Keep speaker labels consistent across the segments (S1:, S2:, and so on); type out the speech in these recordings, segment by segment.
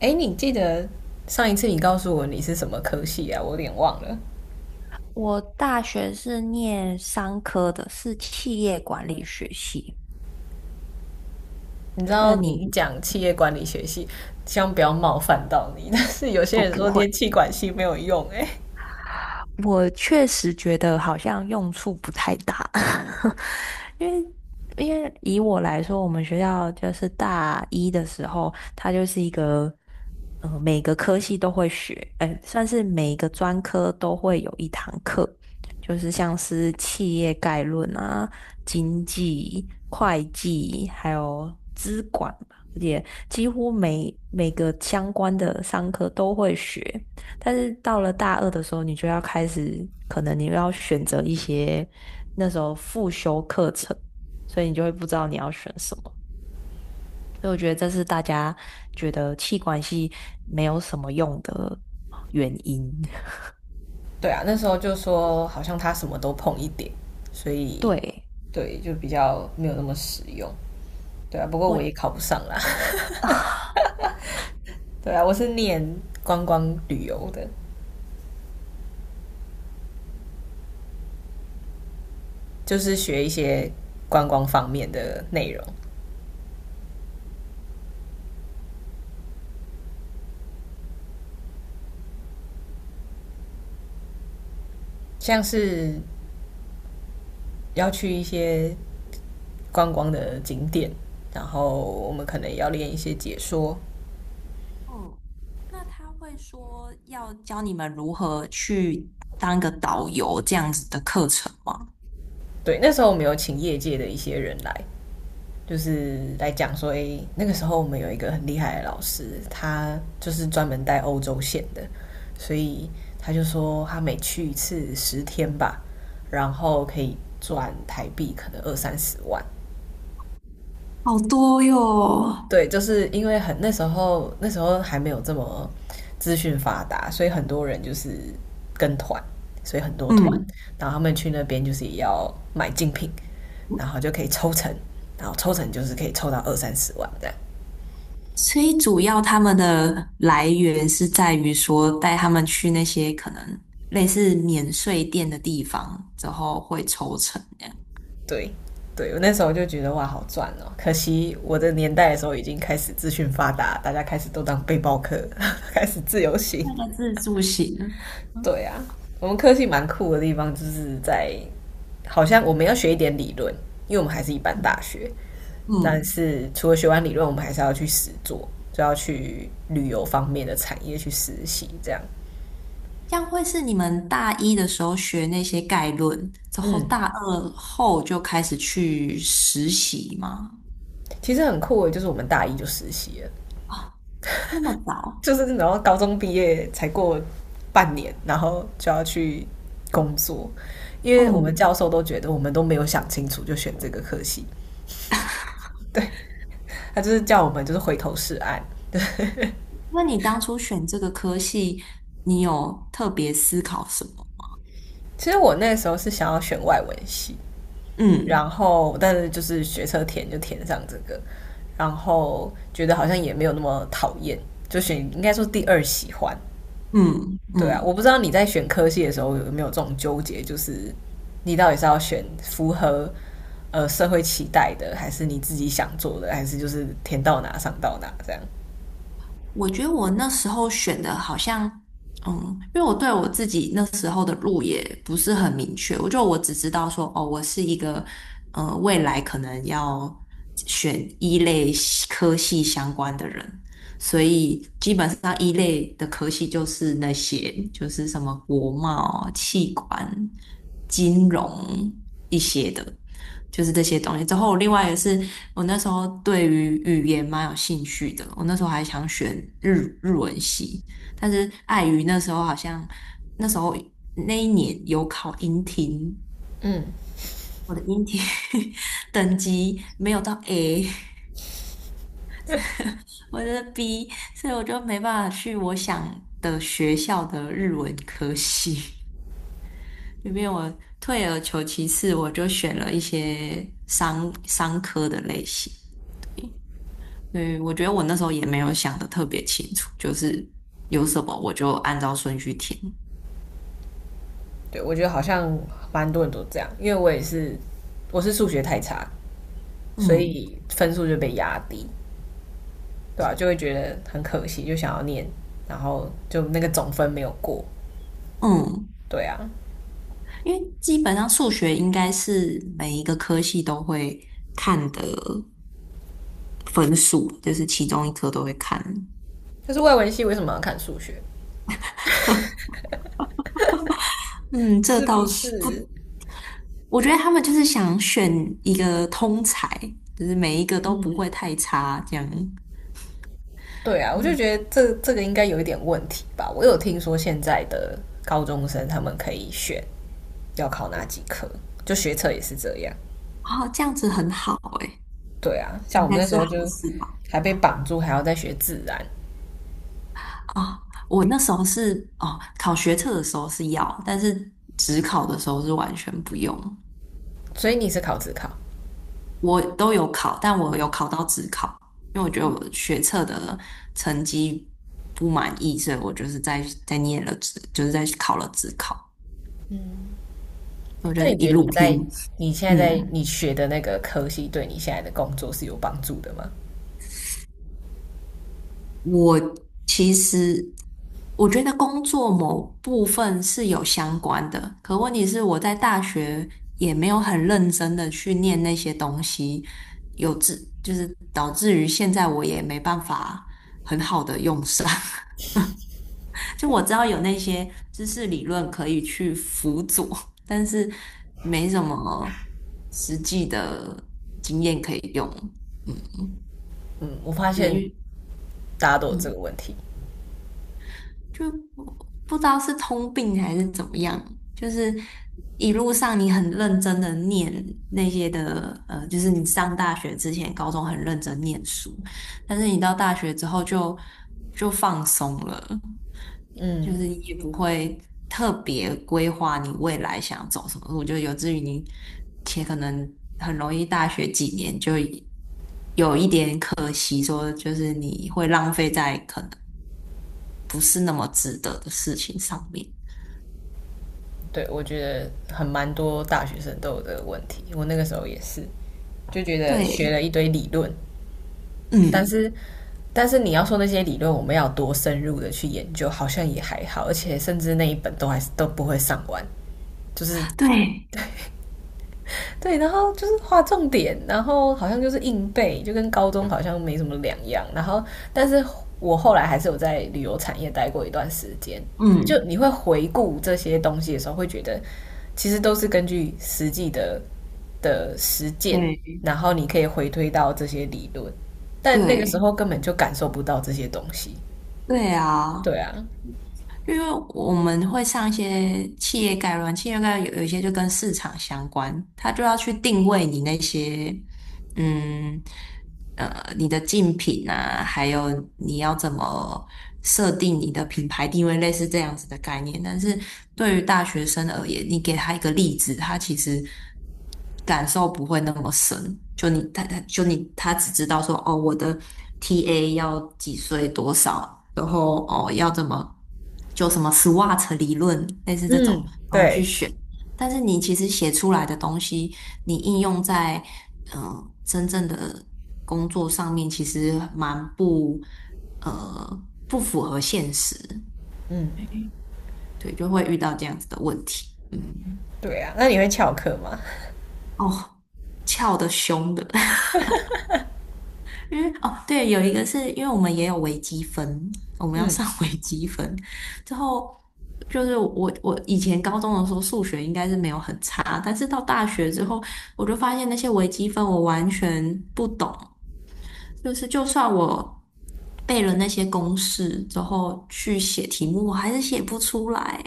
S1: 哎，你记得上一次你告诉我你是什么科系啊？我有点忘了。
S2: 我大学是念商科的，是企业管理学系。
S1: 你知
S2: 呃，
S1: 道你一
S2: 你
S1: 讲企业管理学系，希望不要冒犯到你。但是有些
S2: 哦，
S1: 人
S2: 不
S1: 说
S2: 会。
S1: 念气管系没有用、哎，
S2: 我确实觉得好像用处不太大，因为因为以我来说，我们学校就是大一的时候，它就是一个，每个科系都会学，算是每一个专科都会有一堂课，就是像是企业概论啊、经济、会计，还有资管吧，而且几乎每个相关的商科都会学。但是到了大二的时候，你就要开始，可能你要选择一些那时候复修课程，所以你就会不知道你要选什么。所以我觉得这是大家觉得气管系没有什么用的原因。
S1: 对啊，那时候就说好像他什么都碰一点，所以
S2: 对，
S1: 对就比较没有那么实用。对啊，不过
S2: 我，
S1: 我 也考不上啦。对啊，我是念观光旅游的，就是学一些观光方面的内容，像是要去一些观光的景点，然后我们可能也要练一些解说。
S2: 嗯，那他会说要教你们如何去当一个导游这样子的课程吗？
S1: 对，那时候我们有请业界的一些人来，就是来讲说，诶，那个时候我们有一个很厉害的老师，他就是专门带欧洲线的，所以他就说他每去一次10天吧，然后可以赚台币可能二三十万。
S2: 好多哟。
S1: 对，就是因为很那时候那时候还没有这么资讯发达，所以很多人就是跟团，所以很多团，
S2: 嗯，
S1: 然后他们去那边就是也要买精品，然后就可以抽成，然后抽成就是可以抽到二三十万这样。
S2: 所以主要他们的来源是在于说带他们去那些可能类似免税店的地方，之后会抽成这样，
S1: 对，对我那时候就觉得哇，好赚哦！可惜我的年代的时候已经开始资讯发达，大家开始都当背包客，开始自由行。
S2: 那个自助型。嗯
S1: 对啊，我们科系蛮酷的地方就是在，好像我们要学一点理论，因为我们还是一般大学，
S2: 嗯，
S1: 但
S2: 嗯
S1: 是除了学完理论，我们还是要去实做，就要去旅游方面的产业去实习，这样
S2: 这样会是你们大一的时候学那些概论，之后大二后就开始去实习吗？
S1: 其实很酷的，就是我们大一就实习了，
S2: 那么早？
S1: 就是然后高中毕业才过半年，然后就要去工作，因为我们
S2: 嗯，
S1: 教授都觉得我们都没有想清楚就选这个科系，对他就是叫我们就是回头是岸，
S2: 那你当初选这个科系，你有特别思考什么？
S1: 其实我那时候是想要选外文系，然
S2: 嗯
S1: 后但是就是学车填就填上这个，然后觉得好像也没有那么讨厌，就选应该说第二喜欢。
S2: 嗯
S1: 对啊，我
S2: 嗯。
S1: 不知道你在选科系的时候有没有这种纠结，就是你到底是要选符合社会期待的，还是你自己想做的，还是就是填到哪上到哪这样？
S2: 我觉得我那时候选的好像，嗯，因为我对我自己那时候的路也不是很明确，我只知道说，哦，我是一个，未来可能要选一类系科系相关的人，所以基本上一类的科系就是那些，就是什么国贸、气管、金融一些的，就是这些东西。之后另外也是我那时候对于语言蛮有兴趣的，我那时候还想选日文系，但是碍于那时候好像那时候那一年有考英听，
S1: 嗯，
S2: 我的英听 等级没有到 A，我的 B，所以我就没办法去我想的学校的日文科系。因为我退而求其次，我就选了一些商科的类型。对，我觉得我那时候也没有想的特别清楚，就是有什么我就按照顺序填。
S1: 对，我觉得好像蛮多人都这样，因为我也是我是数学太差，所
S2: 嗯
S1: 以分数就被压低。对啊，就会觉得很可惜，就想要念，然后就那个总分没有过，
S2: 嗯，
S1: 对啊，
S2: 因为基本上数学应该是每一个科系都会看的分数，就是其中一科都会看。
S1: 就是外文系为什么要看数学？
S2: 嗯，这
S1: 是不
S2: 倒是不，
S1: 是？
S2: 我觉得他们就是想选一个通才，就是每一个都不会太差这样。
S1: 对啊，我就
S2: 嗯，
S1: 觉得这个应该有一点问题吧。我有听说现在的高中生他们可以选要考哪几科，就学测也是这样。
S2: 哦，这样子很好诶，
S1: 对啊，像
S2: 应
S1: 我们
S2: 该
S1: 那时
S2: 是
S1: 候就
S2: 好事吧。
S1: 还被绑住，还要再学自然。
S2: 哦，我那时候是哦，考学测的时候是要，但是职考的时候是完全不用。
S1: 所以你是考自考，
S2: 我都有考，但我有考到职考，因为我觉得我学测的成绩不满意，所以我就是在念了职，就是在考了职考，我就
S1: 那
S2: 是
S1: 你觉
S2: 一
S1: 得
S2: 路
S1: 你在
S2: 拼。
S1: 你现在在
S2: 嗯，
S1: 你学的那个科系对你现在的工作是有帮助的吗？
S2: 我其实我觉得工作某部分是有相关的，可问题是我在大学也没有很认真的去念那些东西，有致就是导致于现在我也没办法很好的用上。就我知道有那些知识理论可以去辅佐，但是没什么实际的经验可以用。嗯，
S1: 嗯，我发
S2: 对，
S1: 现
S2: 因为
S1: 大家都有这个
S2: 嗯
S1: 问题。
S2: 就不知道是通病还是怎么样，就是一路上你很认真的念那些的，就是你上大学之前，高中很认真念书，但是你到大学之后就放松了，就
S1: 嗯，
S2: 是也不会特别规划你未来想走什么路，就有至于你且可能很容易大学几年就有一点可惜，说就是你会浪费在可能。不是那么值得的事情上面。
S1: 对，我觉得很蛮多大学生都有这个问题。我那个时候也是，就觉得学
S2: 对，
S1: 了一堆理论，
S2: 嗯，
S1: 但
S2: 嗯
S1: 是但是你要说那些理论，我们要多深入的去研究，好像也还好，而且甚至那一本都还是都不会上完，就是
S2: 对，
S1: 对，然后就是画重点，然后好像就是硬背，就跟高中好像没什么两样。然后，但是我后来还是有在旅游产业待过一段时间。就
S2: 嗯。
S1: 你会回顾这些东西的时候，会觉得其实都是根据实际的实践，
S2: 对，
S1: 然后你可以回推到这些理论，但那个时
S2: 对
S1: 候根本就感受不到这些东西。
S2: 对啊，
S1: 对啊，
S2: 因为我们会上一些企业概论，有一些就跟市场相关，它就要去定位你那些嗯你的竞品啊，还有你要怎么设定你的品牌定位，类似这样子的概念。但是对于大学生而言，你给他一个例子，他其实感受不会那么深。就你他他就你他只知道说哦，我的 TA 要几岁多少，然后哦要怎么就什么 SWOT 理论，类似这
S1: 嗯，
S2: 种，然后
S1: 对，
S2: 去选。但是你其实写出来的东西。你应用在真正的工作上面，其实蛮不不符合现实，
S1: 嗯，
S2: 对，就会遇到这样子的问题。嗯，
S1: 对啊。那你会翘课吗？
S2: 哦，翘的凶的，因为哦对，有一个是因为我们也有微积分，我们要上 微积分之后。就是我，我以前高中的时候数学应该是没有很差，但是到大学之后，我就发现那些微积分我完全不懂，就是就算我背了那些公式之后去写题目，我还是写不出来。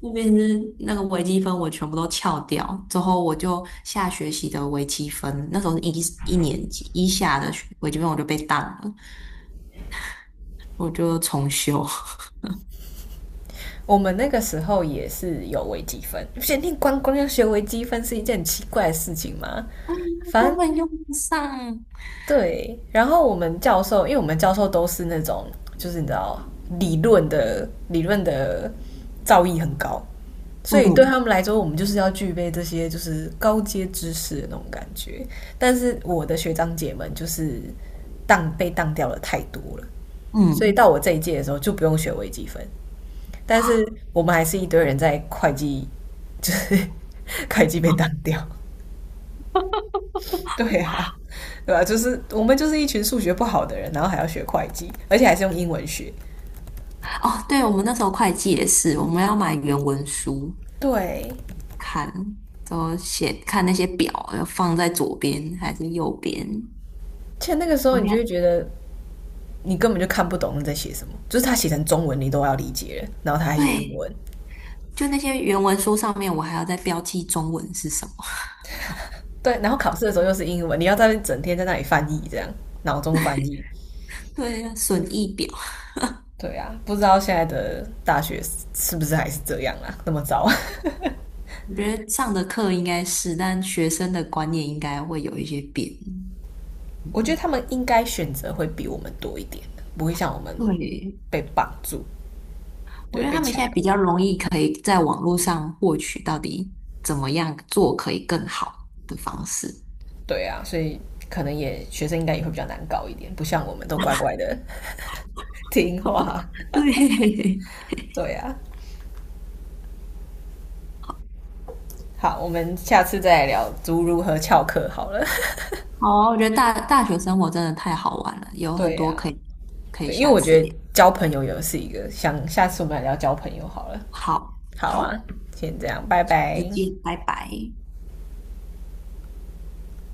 S2: 那边是那个微积分，我全部都翘掉。之后我就下学期的微积分，那时候是一年级一下的学微积分，我就被当了，我就重修，
S1: 我们那个时候也是有微积分，不是你光光要学微积分是一件很奇怪的事情吗？反
S2: 根
S1: 正
S2: 本用不上。
S1: 对，然后我们教授，因为我们教授都是那种，就是你知道理论的造诣很高，所以对
S2: 嗯
S1: 他们来说，我们就是要具备这些就是高阶知识的那种感觉。但是我的学长姐们就是被当掉了太多了，所以
S2: 嗯，
S1: 到我这一届的时候就不用学微积分，但是我们还是一堆人在会计，就是会计被当掉。对啊，对吧、啊就是我们就是一群数学不好的人，然后还要学会计，而且还是用英文学。
S2: 哦，对，我们那时候会计也是，我们要买原文书
S1: 对，
S2: 看，然后写看那些表要放在左边还是右边。
S1: 且那个时候
S2: 我
S1: 你
S2: 现
S1: 就会
S2: 在
S1: 觉得你根本就看不懂你在写什么，就是他写成中文你都要理解了，然后他还写英
S2: 对，
S1: 文。
S2: 就那些原文书上面，我还要再标记中文是什么。
S1: 对，然后考试的时候又是英文，你要在那边整天在那里翻译，这样脑中翻译。
S2: 对呀，损益表，
S1: 对啊，不知道现在的大学是不是还是这样啊？那么糟。
S2: 我觉得上的课应该是，但学生的观念应该会有一些变。
S1: 我觉得他们应该选择会比我们多一点，不会像我们
S2: 对，
S1: 被绑住，
S2: 我
S1: 对，
S2: 觉得
S1: 被
S2: 他们
S1: 强
S2: 现在比
S1: 迫。
S2: 较容易可以在网络上获取到底怎么样做可以更好的方式。
S1: 对啊，所以可能也学生应该也会比较难搞一点，不像我们都乖乖的听话。
S2: 对，
S1: 对啊，好，我们下次再来聊如何翘课好了。
S2: 好啊我觉得大学生活真的太好玩了，有很
S1: 对
S2: 多
S1: 啊，
S2: 可以可以
S1: 对，因为
S2: 下
S1: 我
S2: 次
S1: 觉得
S2: 聊。
S1: 交朋友也是一个，想下次我们来聊交朋友好了。
S2: 好，
S1: 好啊，
S2: 好，
S1: 先这样，拜拜。
S2: 再见，拜拜。